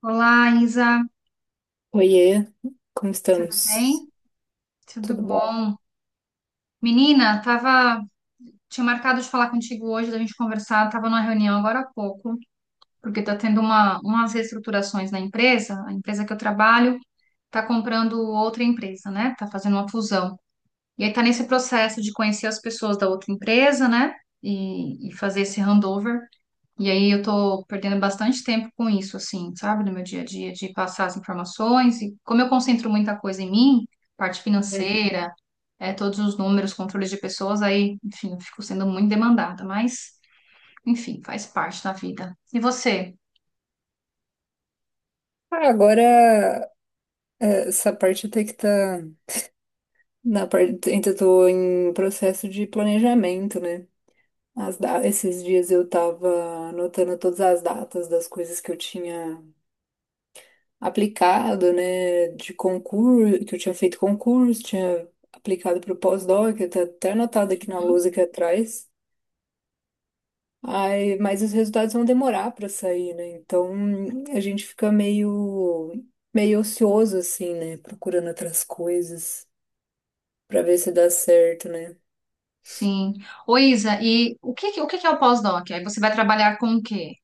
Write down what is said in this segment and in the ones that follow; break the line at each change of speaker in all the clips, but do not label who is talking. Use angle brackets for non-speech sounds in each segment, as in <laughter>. Olá, Isa,
Oiê, como
tudo
estamos?
bem? Tudo
Tudo bom?
bom? Menina, tinha marcado de falar contigo hoje, da gente conversar, tava numa reunião agora há pouco, porque tá tendo umas reestruturações na empresa, a empresa que eu trabalho tá comprando outra empresa, né? Tá fazendo uma fusão. E aí tá nesse processo de conhecer as pessoas da outra empresa, né? E fazer esse handover. E aí eu tô perdendo bastante tempo com isso, assim, sabe, no meu dia a dia, de passar as informações. E como eu concentro muita coisa em mim, parte
Hum.
financeira, todos os números, controles de pessoas, aí, enfim, eu fico sendo muito demandada. Mas, enfim, faz parte da vida. E você?
Ah, agora essa parte até que tá na parte, ainda tô em processo de planejamento, né? Esses dias eu tava anotando todas as datas das coisas que eu tinha aplicado, né? De concurso, que eu tinha feito concurso, tinha aplicado para o pós-doc, eu tá até anotado aqui na
Uhum.
lousa aqui atrás. Ai, mas os resultados vão demorar para sair, né? Então a gente fica meio ocioso, assim, né? Procurando outras coisas para ver se dá certo, né?
Sim. Ô, Isa, e o que que é o pós-doc? Aí você vai trabalhar com o quê?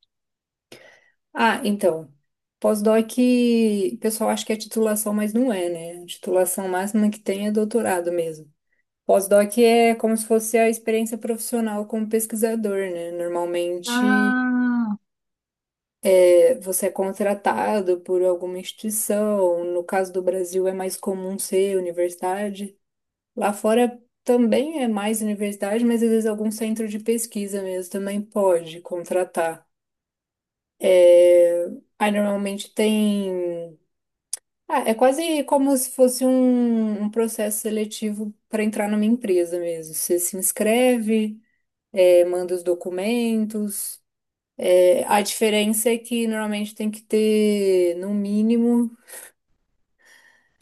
Ah, então, pós-doc, o pessoal acha que é titulação, mas não é, né? A titulação máxima que tem é doutorado mesmo. Pós-doc é como se fosse a experiência profissional como pesquisador, né? Normalmente.
Ah,
Você é contratado por alguma instituição, no caso do Brasil é mais comum ser universidade. Lá fora também é mais universidade, mas às vezes algum centro de pesquisa mesmo também pode contratar. É... Aí normalmente tem. Ah, é quase como se fosse um processo seletivo para entrar numa empresa mesmo. Você se inscreve, manda os documentos. É, a diferença é que normalmente tem que ter, no mínimo,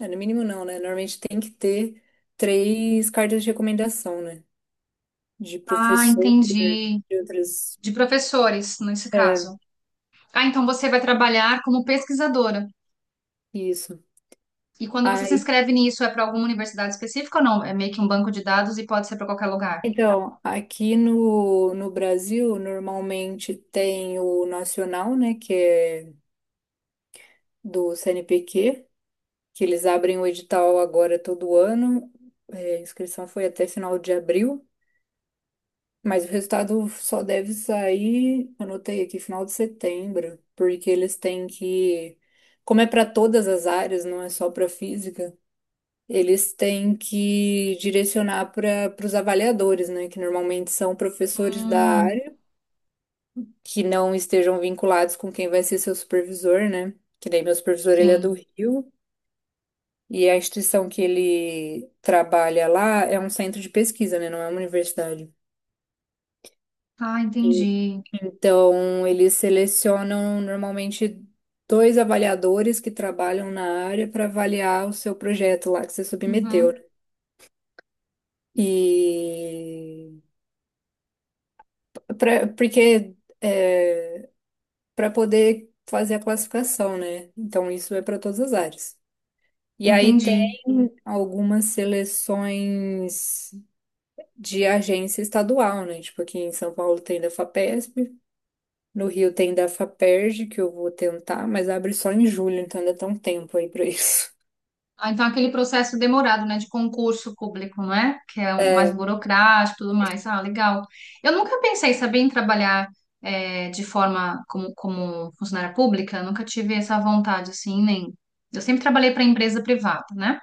é, no mínimo não, né? Normalmente tem que ter três cartas de recomendação, né? De
ah,
professor,
entendi.
de outras.
De professores, nesse
É,
caso. Ah, então você vai trabalhar como pesquisadora.
isso.
E quando você se
Aí,
inscreve nisso, é para alguma universidade específica ou não? É meio que um banco de dados e pode ser para qualquer lugar.
então, aqui no Brasil, normalmente tem o nacional, né? Que é do CNPq, que eles abrem o edital agora todo ano. É, a inscrição foi até final de abril. Mas o resultado só deve sair, anotei aqui, final de setembro, porque eles têm que, como é para todas as áreas, não é só para física, eles têm que direcionar para os avaliadores, né, que normalmente são professores da
Hum,
área, que não estejam vinculados com quem vai ser seu supervisor, né? Que nem meu supervisor, ele é do
sim.
Rio, e a instituição que ele trabalha lá é um centro de pesquisa, né, não é uma universidade.
Ah, entendi.
Então, eles selecionam normalmente dois avaliadores que trabalham na área para avaliar o seu projeto lá que você submeteu, né?
Uhum,
E porque é, para poder fazer a classificação, né? Então, isso é para todas as áreas. E aí tem
entendi.
algumas seleções de agência estadual, né? Tipo, aqui em São Paulo tem da FAPESP. No Rio tem da Faperj, que eu vou tentar, mas abre só em julho, então ainda tá um tempo aí pra <laughs> isso.
Ah, então aquele processo demorado, né, de concurso público, não é? Que é um mais
É,
burocrático e tudo mais. Ah, legal. Eu nunca pensei, sabia, em trabalhar de forma como funcionária pública. Nunca tive essa vontade, assim, nem. Eu sempre trabalhei para empresa privada, né?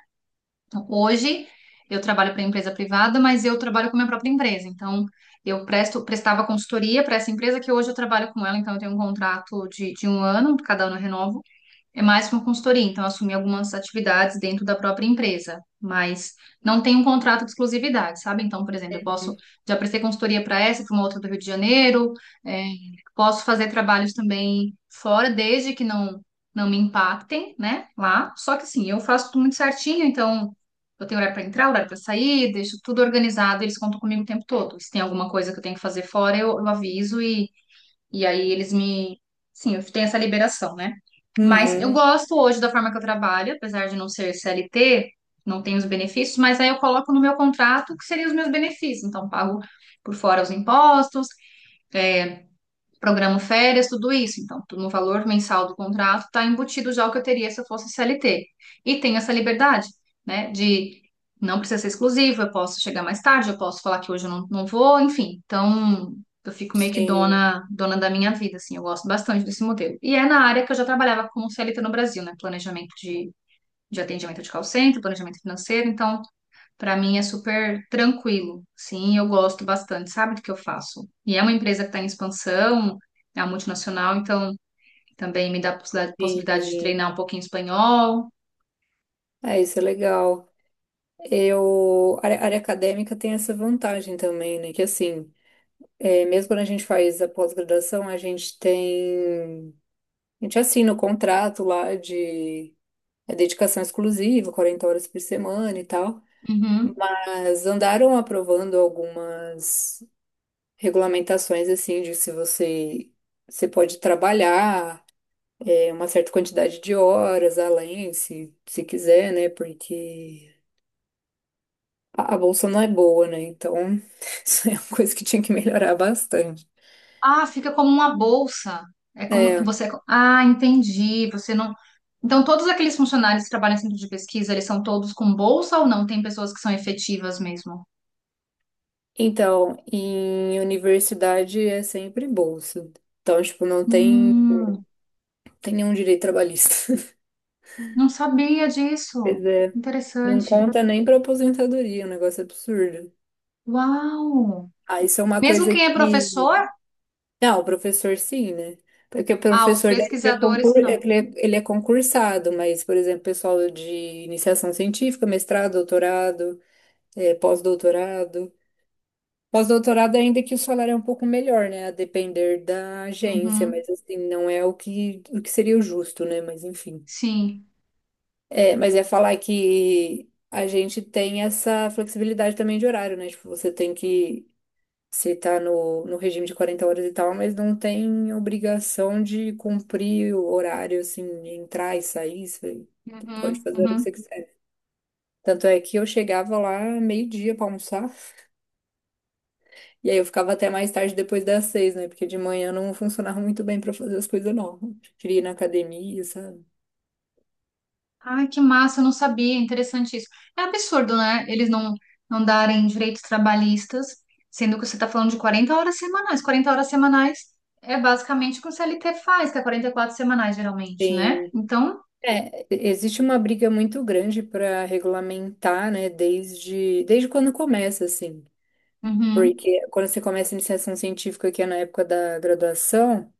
Então, hoje eu trabalho para empresa privada, mas eu trabalho com minha própria empresa. Então, eu prestava consultoria para essa empresa que hoje eu trabalho com ela, então eu tenho um contrato de um ano, cada ano eu renovo. É mais uma consultoria, então eu assumi algumas atividades dentro da própria empresa, mas não tem um contrato de exclusividade, sabe? Então, por exemplo, eu posso, já prestei consultoria para essa, para uma outra do Rio de Janeiro, é, posso fazer trabalhos também fora, desde que não me impactem, né? Lá. Só que assim, eu faço tudo muito certinho, então eu tenho horário para entrar, horário para sair, deixo tudo organizado, eles contam comigo o tempo todo. Se tem alguma coisa que eu tenho que fazer fora, eu aviso e aí eles me. Sim, eu tenho essa liberação, né? Mas eu
uhum,
gosto hoje da forma que eu trabalho, apesar de não ser CLT, não tenho os benefícios, mas aí eu coloco no meu contrato que seriam os meus benefícios. Então, pago por fora os impostos, é, programa férias, tudo isso. Então, no valor mensal do contrato está embutido já o que eu teria se eu fosse CLT. E tem essa liberdade, né, de não precisa ser exclusivo, eu posso chegar mais tarde, eu posso falar que hoje eu não vou, enfim. Então, eu fico meio que
sim,
dona, dona da minha vida, assim, eu gosto bastante desse modelo. E é na área que eu já trabalhava como CLT no Brasil, né, planejamento de atendimento de call center, planejamento financeiro, então para mim é super tranquilo. Sim, eu gosto bastante, sabe do que eu faço? E é uma empresa que está em expansão, é uma multinacional, então também me dá possibilidade de
sim.
treinar um pouquinho espanhol.
É, isso é legal. Eu, a área acadêmica tem essa vantagem também, né? Que assim, é, mesmo quando a gente faz a pós-graduação, a gente tem, a gente assina o contrato lá de dedicação exclusiva, 40 horas por semana e tal.
Uhum.
Mas andaram aprovando algumas regulamentações assim de se você pode trabalhar uma certa quantidade de horas além, se quiser, né? Porque a bolsa não é boa, né? Então, <laughs> isso é uma coisa que tinha que melhorar bastante.
Ah, fica como uma bolsa. É como
É,
você. Ah, entendi. Você não. Então, todos aqueles funcionários que trabalham em centro de pesquisa, eles são todos com bolsa ou não? Tem pessoas que são efetivas mesmo?
então, em universidade é sempre bolsa. Então, tipo, não tem,
Hum,
tem nenhum direito trabalhista. <laughs>
não sabia disso.
Pois é, não
Interessante.
conta nem pra aposentadoria, é um negócio absurdo.
Uau!
Ah, isso é uma
Mesmo
coisa
quem
que
é professor?
não, o professor sim, né? Porque o
Ah, os
professor daí,
pesquisadores, não.
ele é concursado, mas, por exemplo, pessoal de iniciação científica, mestrado, doutorado, pós-doutorado. Pós-doutorado, ainda que o salário é um pouco melhor, né? A depender da agência,
Uhum,
mas assim, não é o que seria o justo, né? Mas enfim.
sim.
É, mas é falar que a gente tem essa flexibilidade também de horário, né? Tipo, você tem que você tá no regime de 40 horas e tal, mas não tem obrigação de cumprir o horário, assim, de entrar e sair. Você pode
Uhum,
fazer a hora que
uhum.
você quiser. Tanto é que eu chegava lá meio-dia pra almoçar. <laughs> E aí eu ficava até mais tarde depois das seis, né? Porque de manhã não funcionava muito bem pra fazer as coisas, não. Eu queria ir na academia, sabe?
Ai, que massa, eu não sabia, interessante isso. É absurdo, né? Eles não darem direitos trabalhistas, sendo que você está falando de 40 horas semanais. 40 horas semanais é basicamente o que o CLT faz, que é 44 semanais, geralmente, né?
Tem,
Então,
é, existe uma briga muito grande para regulamentar, né, desde quando começa, assim.
uhum,
Porque quando você começa a iniciação científica, que é na época da graduação,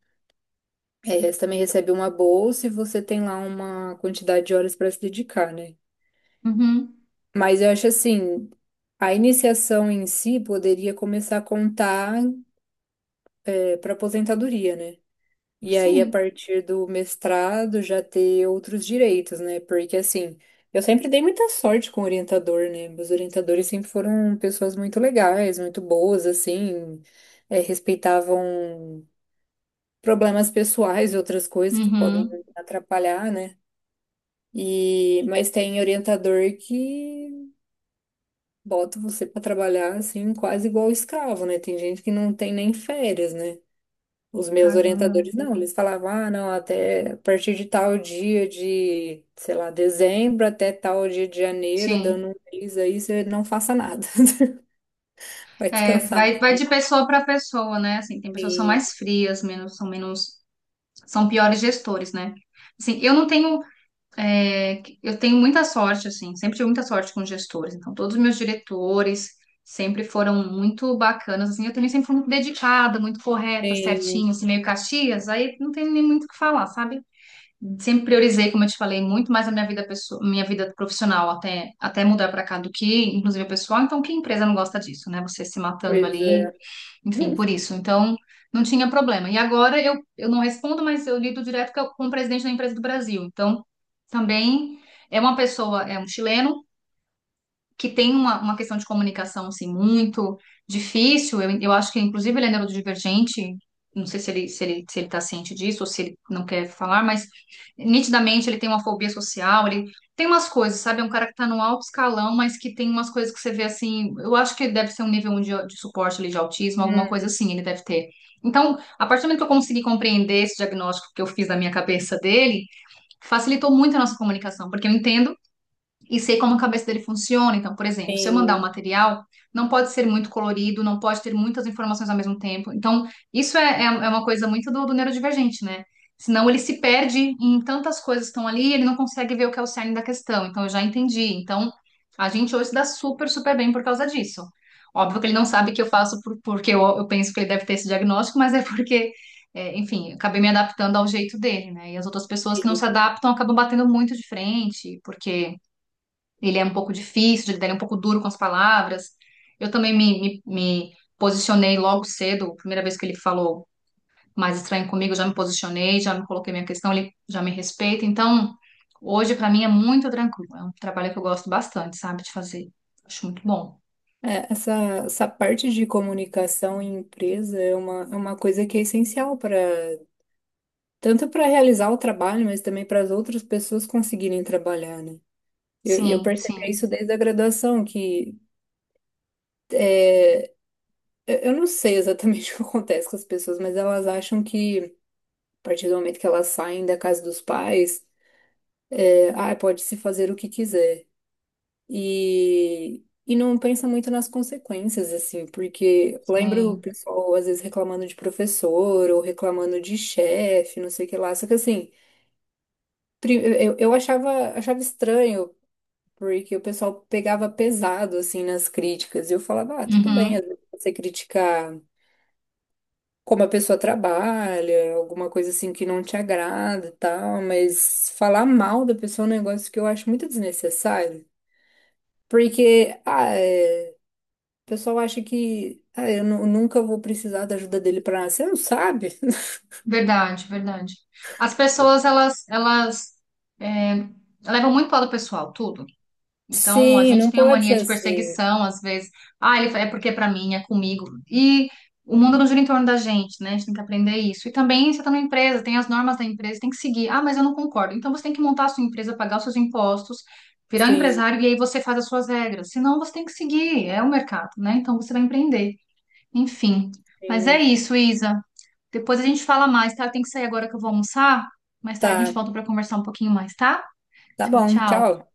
é, você também recebe uma bolsa e você tem lá uma quantidade de horas para se dedicar, né?
uhum,
Mas eu acho assim, a iniciação em si poderia começar a contar, para aposentadoria, né? E aí, a
sim.
partir do mestrado, já ter outros direitos, né? Porque assim, eu sempre dei muita sorte com o orientador, né? Meus orientadores sempre foram pessoas muito legais, muito boas, assim, é, respeitavam problemas pessoais e outras coisas que podem
Uhum,
atrapalhar, né? E mas tem orientador que bota você para trabalhar assim, quase igual escravo, né? Tem gente que não tem nem férias, né? Os meus
caramba.
orientadores não, eles falavam, ah, não, até a partir de tal dia de, sei lá, dezembro até tal dia de janeiro,
Sim.
dando um mês aí, você não faça nada. <laughs> Vai
É,
descansar.
vai de pessoa para pessoa, né? Assim, tem pessoas que são
Tem,
mais frias, menos são piores gestores, né? Assim, eu não tenho, eu tenho muita sorte, assim, sempre tive muita sorte com gestores. Então, todos os meus diretores sempre foram muito bacanas, assim, eu também sempre fui muito dedicada, muito correta,
tem
certinho, assim, meio Caxias, aí não tem nem muito o que falar, sabe? Sempre priorizei, como eu te falei, muito mais a minha vida pessoal, minha vida profissional até mudar para cá do que, inclusive, a pessoal. Então, que empresa não gosta disso, né? Você se matando ali,
coisa.
enfim, por isso. Então, não tinha problema. E agora eu não respondo, mas eu lido direto com o presidente da empresa do Brasil. Então, também é uma pessoa, é um chileno que tem uma questão de comunicação assim, muito difícil. Eu acho que, inclusive, ele é neurodivergente. Não sei se ele está ciente disso ou se ele não quer falar, mas nitidamente ele tem uma fobia social, ele tem umas coisas, sabe? É um cara que está no alto escalão, mas que tem umas coisas que você vê assim. Eu acho que ele deve ser um nível de suporte ali, de autismo, alguma
Hum,
coisa assim, ele deve ter. Então, a partir do momento que eu consegui compreender esse diagnóstico que eu fiz na minha cabeça dele, facilitou muito a nossa comunicação, porque eu entendo e sei como a cabeça dele funciona. Então, por exemplo, se eu mandar
tem,
um material, não pode ser muito colorido, não pode ter muitas informações ao mesmo tempo. Então, isso é uma coisa muito do neurodivergente, né? Senão ele se perde em tantas coisas que estão ali, ele não consegue ver o que é o cerne da questão. Então, eu já entendi. Então, a gente hoje se dá super, super bem por causa disso. Óbvio que ele não sabe que eu faço porque eu penso que ele deve ter esse diagnóstico, mas é porque, enfim, eu acabei me adaptando ao jeito dele, né? E as outras pessoas que não
tem
se adaptam acabam batendo muito de frente, porque ele é um pouco difícil, ele é um pouco duro com as palavras. Eu também me posicionei logo cedo, primeira vez que ele falou mais estranho comigo, eu já me posicionei, já me coloquei minha questão, ele já me respeita. Então, hoje para mim é muito tranquilo. É um trabalho que eu gosto bastante, sabe, de fazer. Acho muito bom.
é, essa parte de comunicação em empresa é uma coisa que é essencial para tanto para realizar o trabalho, mas também para as outras pessoas conseguirem trabalhar, né? E eu
Sim,
percebi
sim,
isso desde a graduação, que é, eu não sei exatamente <laughs> o que acontece com as pessoas, mas elas acham que a partir do momento que elas saem da casa dos pais, é, ah, pode-se fazer o que quiser. E não pensa muito nas consequências, assim, porque eu lembro o
sim.
pessoal às vezes reclamando de professor ou reclamando de chefe, não sei o que lá. Só que assim, pri- eu achava estranho, porque o pessoal pegava pesado, assim, nas críticas. E eu falava, ah, tudo bem, às
Uhum.
vezes você criticar como a pessoa trabalha, alguma coisa assim que não te agrada e tal, mas falar mal da pessoa é um negócio que eu acho muito desnecessário. Porque, ah, é. O pessoal acha que ah, eu nunca vou precisar da ajuda dele para nada. Você não sabe?
Verdade, verdade. As pessoas,
<laughs>
elas é, levam muito para o lado pessoal, tudo. Então, a
Sim,
gente
não
tem a
pode
mania
ser
de
assim.
perseguição, às vezes. Ah, ele é porque é pra mim, é comigo. E o mundo não gira em torno da gente, né? A gente tem que aprender isso. E também, você está numa empresa, tem as normas da empresa, tem que seguir. Ah, mas eu não concordo. Então, você tem que montar a sua empresa, pagar os seus impostos, virar um
Sim,
empresário e aí você faz as suas regras. Senão, você tem que seguir. É o mercado, né? Então, você vai empreender. Enfim. Mas é
sim.
isso, Isa. Depois a gente fala mais, tá? Eu tenho que sair agora que eu vou almoçar. Mais tarde a gente
Tá,
volta para conversar um pouquinho mais, tá?
tá
Tchau,
bom,
tchau.
tchau.